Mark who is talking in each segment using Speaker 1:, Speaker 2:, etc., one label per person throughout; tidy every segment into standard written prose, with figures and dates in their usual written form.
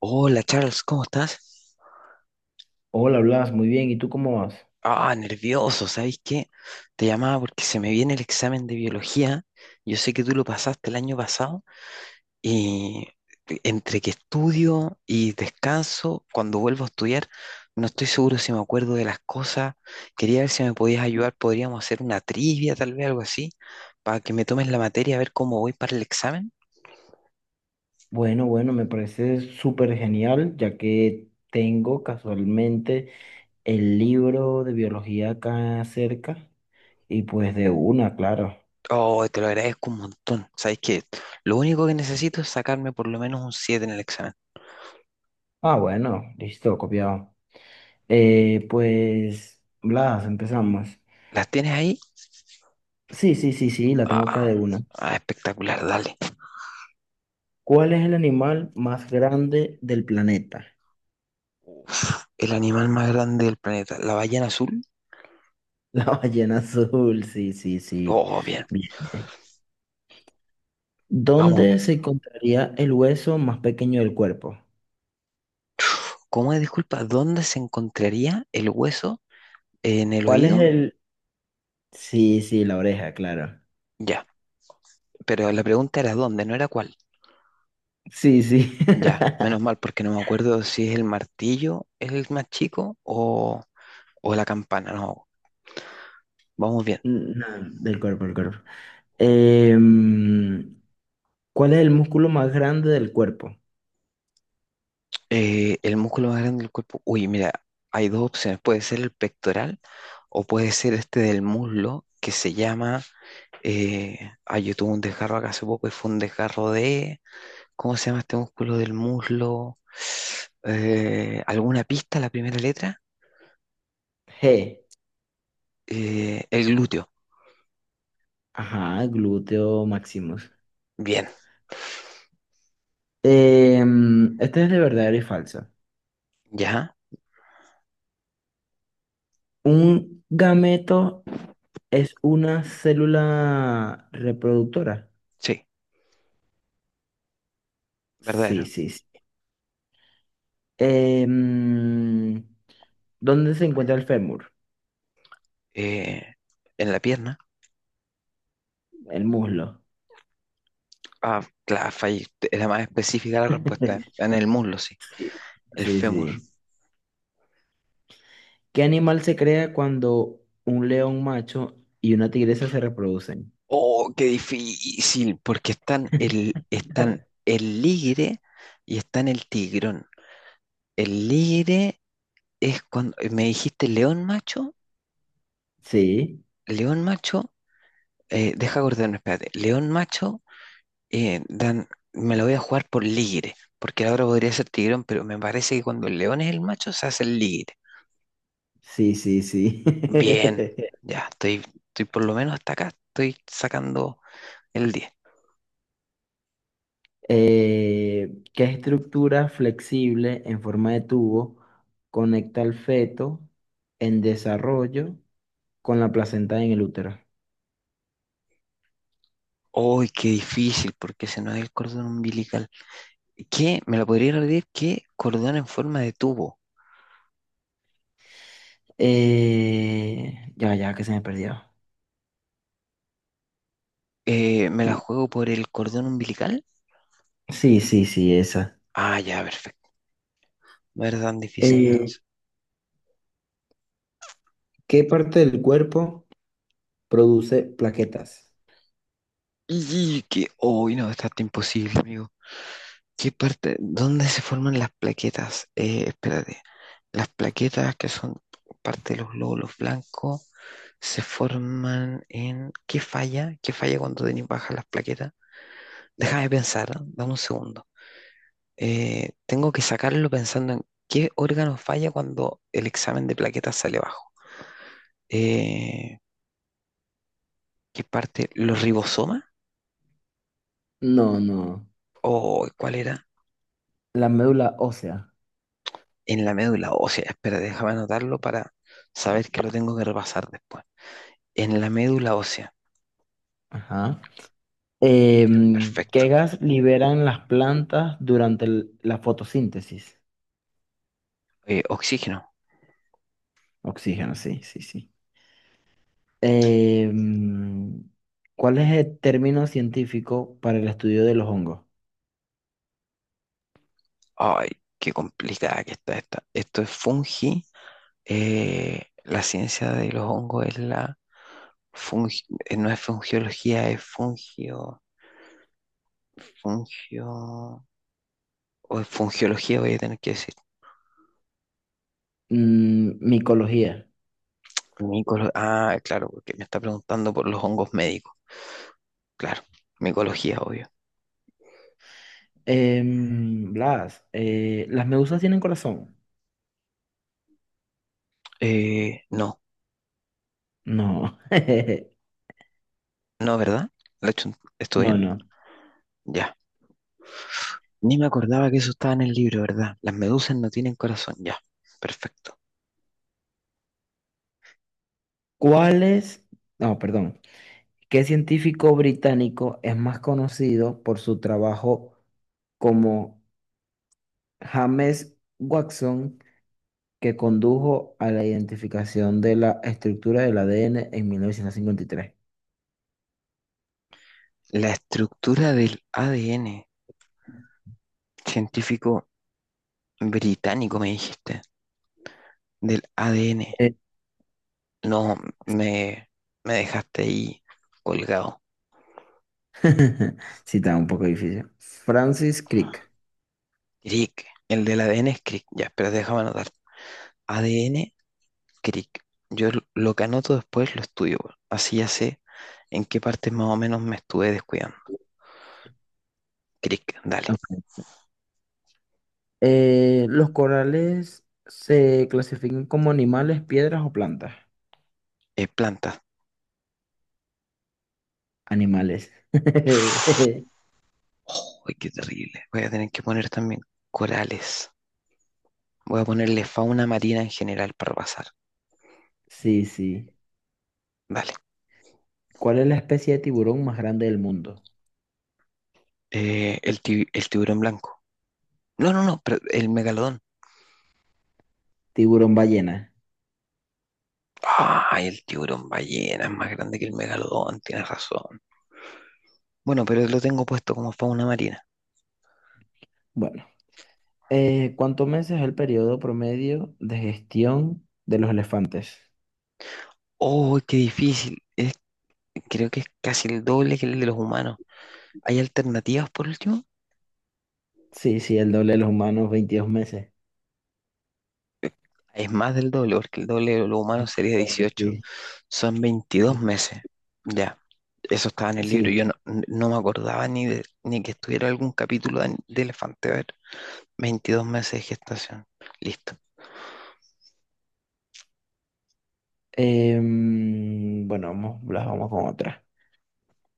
Speaker 1: Hola Charles, ¿cómo estás?
Speaker 2: Hola, Blas, muy bien. ¿Y tú cómo vas?
Speaker 1: Ah, nervioso, ¿sabes qué? Te llamaba porque se me viene el examen de biología. Yo sé que tú lo pasaste el año pasado y entre que estudio y descanso, cuando vuelvo a estudiar, no estoy seguro si me acuerdo de las cosas. Quería ver si me podías ayudar, podríamos hacer una trivia, tal vez algo así, para que me tomes la materia, a ver cómo voy para el examen.
Speaker 2: Bueno, bueno, me parece súper genial, ya que tengo casualmente el libro de biología acá cerca y pues de una, claro.
Speaker 1: Oh, te lo agradezco un montón. ¿Sabes qué? Lo único que necesito es sacarme por lo menos un 7 en el examen.
Speaker 2: Ah, bueno, listo, copiado. Pues, Blas, empezamos.
Speaker 1: ¿Las tienes ahí?
Speaker 2: Sí, sí, sí, sí, la tengo acá
Speaker 1: Ah,
Speaker 2: de una.
Speaker 1: ah, espectacular, dale.
Speaker 2: ¿Cuál es el animal más grande del planeta?
Speaker 1: El animal más grande del planeta, la ballena azul.
Speaker 2: La ballena azul, sí, sí, sí.
Speaker 1: Oh, bien,
Speaker 2: Bien, bien.
Speaker 1: vamos bien.
Speaker 2: ¿Dónde se encontraría el hueso más pequeño del cuerpo?
Speaker 1: ¿Cómo es, disculpa, dónde se encontraría el hueso en el
Speaker 2: ¿Cuál es
Speaker 1: oído?
Speaker 2: el...? Sí, sí, la oreja, claro.
Speaker 1: Ya, pero la pregunta era dónde, no era cuál.
Speaker 2: Sí, sí.
Speaker 1: Ya, menos mal, porque no me acuerdo si es el martillo, es el más chico o la campana, no. Vamos bien.
Speaker 2: No, del cuerpo. Em, ¿Cuál es el músculo más grande del cuerpo?
Speaker 1: El músculo más grande del cuerpo. Uy, mira, hay dos opciones. Puede ser el pectoral o puede ser este del muslo que se llama. Eh, yo tuve un desgarro acá hace poco y fue un desgarro de. ¿Cómo se llama este músculo del muslo? ¿Alguna pista? La primera letra.
Speaker 2: G.
Speaker 1: El glúteo.
Speaker 2: Ajá, glúteo maximus.
Speaker 1: Bien,
Speaker 2: Em, este es de verdadero y falso.
Speaker 1: ya.
Speaker 2: ¿Un gameto es una célula reproductora?
Speaker 1: Sí,
Speaker 2: Sí,
Speaker 1: verdadero.
Speaker 2: sí, sí. Em, ¿Dónde se encuentra el fémur?
Speaker 1: Eh, en la pierna.
Speaker 2: El muslo.
Speaker 1: Ah, claro, fallé. Era más específica la respuesta. En el muslo, sí.
Speaker 2: Sí,
Speaker 1: El
Speaker 2: sí,
Speaker 1: fémur.
Speaker 2: sí. ¿Qué animal se crea cuando un león macho y una tigresa se reproducen?
Speaker 1: Oh, qué difícil, porque están el ligre y están el tigrón. El ligre es cuando, me dijiste
Speaker 2: Sí,
Speaker 1: león macho, deja acordarme, espérate, león macho, eh, dan, me lo voy a jugar por ligre, porque ahora podría ser tigrón, pero me parece que cuando el león es el macho se hace el ligre.
Speaker 2: sí, sí, sí.
Speaker 1: Bien, ya, estoy por lo menos hasta acá, estoy sacando el 10.
Speaker 2: ¿Qué estructura flexible en forma de tubo conecta al feto en desarrollo con la placenta en el útero?
Speaker 1: ¡Uy, qué difícil! Porque ese no es el cordón umbilical. ¿Qué? ¿Me la podría repetir? ¿Qué cordón en forma de tubo?
Speaker 2: Ya, que se me perdió.
Speaker 1: ¿Me la juego por el cordón umbilical?
Speaker 2: Sí, sí, sí, esa.
Speaker 1: Ah, ya, perfecto. No era tan difícil
Speaker 2: Eh,
Speaker 1: entonces.
Speaker 2: ¿Qué parte del cuerpo produce plaquetas?
Speaker 1: Y que, hoy no, está hasta imposible, amigo. ¿Qué parte? ¿Dónde se forman las plaquetas? Espérate. Las plaquetas que son parte de los glóbulos blancos se forman en. ¿Qué falla? ¿Qué falla cuando tenéis bajas las plaquetas? Déjame pensar, ¿eh? Dame un segundo. Tengo que sacarlo pensando en qué órgano falla cuando el examen de plaquetas sale bajo. Eh, ¿Qué parte? ¿Los ribosomas?
Speaker 2: No, no.
Speaker 1: ¿O cuál era?
Speaker 2: La médula ósea.
Speaker 1: En la médula ósea. Espera, déjame anotarlo para saber que lo tengo que repasar después. En la médula ósea.
Speaker 2: Ajá. Em, ¿qué
Speaker 1: Perfecto.
Speaker 2: gas liberan las plantas durante la fotosíntesis?
Speaker 1: Oxígeno.
Speaker 2: Oxígeno, sí, sí, sí. Em, ¿Cuál es el término científico para el estudio de los hongos?
Speaker 1: Ay, qué complicada que está esta. Esto es fungi. La ciencia de los hongos es la fungi, no es fungiología, es fungio, fungio. O es fungiología, voy a tener que decir.
Speaker 2: Mm, micología.
Speaker 1: Ah, claro, porque me está preguntando por los hongos médicos. Claro, micología, obvio.
Speaker 2: Em, Blas, ¿las medusas tienen corazón?
Speaker 1: No,
Speaker 2: No,
Speaker 1: no, ¿verdad? ¿Lo he hecho- ¿Estuvo
Speaker 2: no,
Speaker 1: bien?
Speaker 2: no.
Speaker 1: Ya. Ni me acordaba que eso estaba en el libro, ¿verdad? Las medusas no tienen corazón, ya. Perfecto.
Speaker 2: ¿Cuál es? No, perdón. ¿Qué científico británico es más conocido por su trabajo como... James Watson, que condujo a la identificación de la estructura del ADN en 1953.
Speaker 1: La estructura del ADN, científico británico, me dijiste, del ADN.
Speaker 2: Eh,
Speaker 1: No, me, me dejaste ahí colgado.
Speaker 2: sí, está un poco difícil. Francis Crick.
Speaker 1: Crick. El del ADN es Crick. Ya, espera, déjame anotar. ADN, Crick. Yo lo que anoto después lo estudio. Weón. Así ya sé en qué partes más o menos me estuve descuidando. Crick, dale.
Speaker 2: Ok. Los corales se clasifican como animales, piedras o plantas.
Speaker 1: Plantas.
Speaker 2: Animales.
Speaker 1: Oh, qué terrible. Voy a tener que poner también corales. Voy a ponerle fauna marina en general para pasar.
Speaker 2: Sí, sí.
Speaker 1: Dale.
Speaker 2: ¿Cuál es la especie de tiburón más grande del mundo?
Speaker 1: El tiburón blanco. No, no, no, pero el megalodón.
Speaker 2: Tiburón ballena.
Speaker 1: Ay, el tiburón ballena es más grande que el megalodón, tienes razón. Bueno, pero lo tengo puesto como fauna marina.
Speaker 2: Bueno. ¿Cuántos meses es el periodo promedio de gestión de los elefantes?
Speaker 1: Oh, qué difícil. Creo que es casi el doble que el de los humanos. ¿Hay alternativas por último?
Speaker 2: Sí, sí, el doble de los humanos, 22 meses.
Speaker 1: Es más del doble, porque el doble de los humanos sería
Speaker 2: Doble, sí,
Speaker 1: 18. Son 22
Speaker 2: sí.
Speaker 1: meses. Ya, eso estaba en el libro.
Speaker 2: Sí.
Speaker 1: Yo no, no me acordaba ni, ni que estuviera algún capítulo de, Elefante. A ver, 22 meses de gestación. Listo.
Speaker 2: Bueno, vamos, las vamos con otra.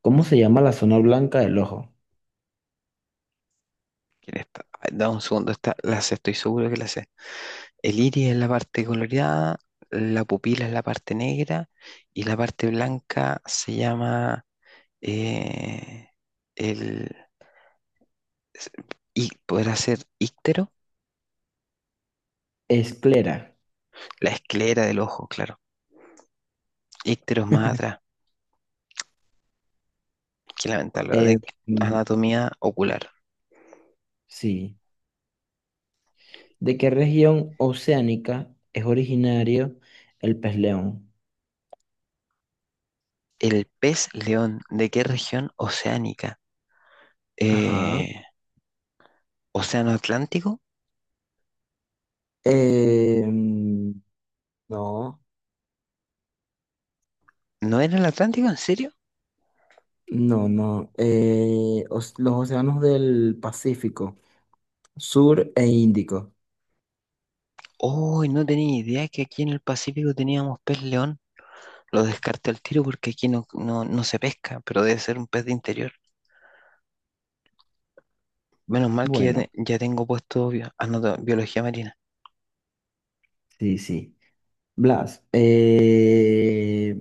Speaker 2: ¿Cómo se llama la zona blanca del ojo?
Speaker 1: Quién está. Ay, da un segundo. Está la sé, estoy seguro que la sé. El iris es la parte coloreada, la pupila es la parte negra y la parte blanca se llama eh, el, s- y podrá ser íctero,
Speaker 2: Esclera.
Speaker 1: la esclera del ojo, claro. Íctero es más atrás, que lamentarlo,
Speaker 2: Em,
Speaker 1: de anatomía ocular.
Speaker 2: sí. ¿De qué región oceánica es originario el pez león?
Speaker 1: El pez león, ¿de qué región oceánica?
Speaker 2: Ajá.
Speaker 1: Eh, ¿Océano Atlántico?
Speaker 2: Em, no.
Speaker 1: ¿No era el Atlántico? ¿En serio?
Speaker 2: No, no. Los océanos del Pacífico, Sur e Índico.
Speaker 1: Uy, no tenía idea que aquí en el Pacífico teníamos pez león. Lo descarté al tiro porque aquí no, no, no se pesca, pero debe ser un pez de interior. Menos mal que ya,
Speaker 2: Bueno,
Speaker 1: ya tengo puesto biología marina.
Speaker 2: sí, sí. Blas,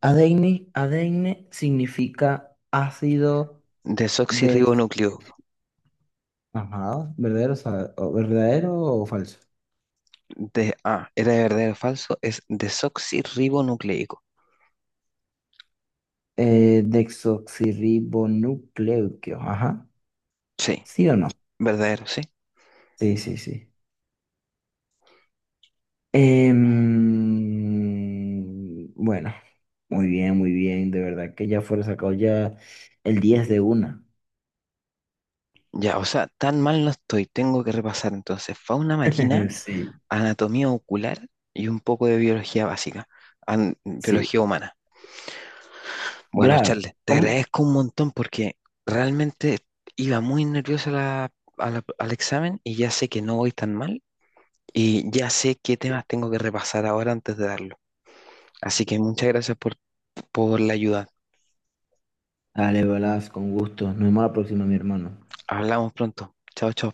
Speaker 2: adeine significa ácido de...
Speaker 1: Desoxirribonucleico.
Speaker 2: Ajá, ¿verdadero, verdadero o falso?
Speaker 1: Era de verdadero o falso, es desoxirribonucleico.
Speaker 2: Desoxirribonucleico, ajá.
Speaker 1: Sí,
Speaker 2: ¿Sí o no?
Speaker 1: verdadero, sí.
Speaker 2: Sí, sí, sí. Bueno, muy bien, muy bien. De verdad que ya fuera sacado ya el 10 de una.
Speaker 1: Ya, o sea, tan mal no estoy. Tengo que repasar entonces fauna marina,
Speaker 2: Sí,
Speaker 1: anatomía ocular y un poco de biología básica,
Speaker 2: sí.
Speaker 1: biología humana. Bueno,
Speaker 2: Blas,
Speaker 1: Charles, te
Speaker 2: ¿cómo?
Speaker 1: agradezco un montón porque realmente iba muy nervioso a la- al examen y ya sé que no voy tan mal y ya sé qué temas tengo que repasar ahora antes de darlo. Así que muchas gracias por la ayuda.
Speaker 2: Dale, Blas, con gusto. Nos vemos la próxima, mi hermano.
Speaker 1: Hablamos pronto. Chao, chao.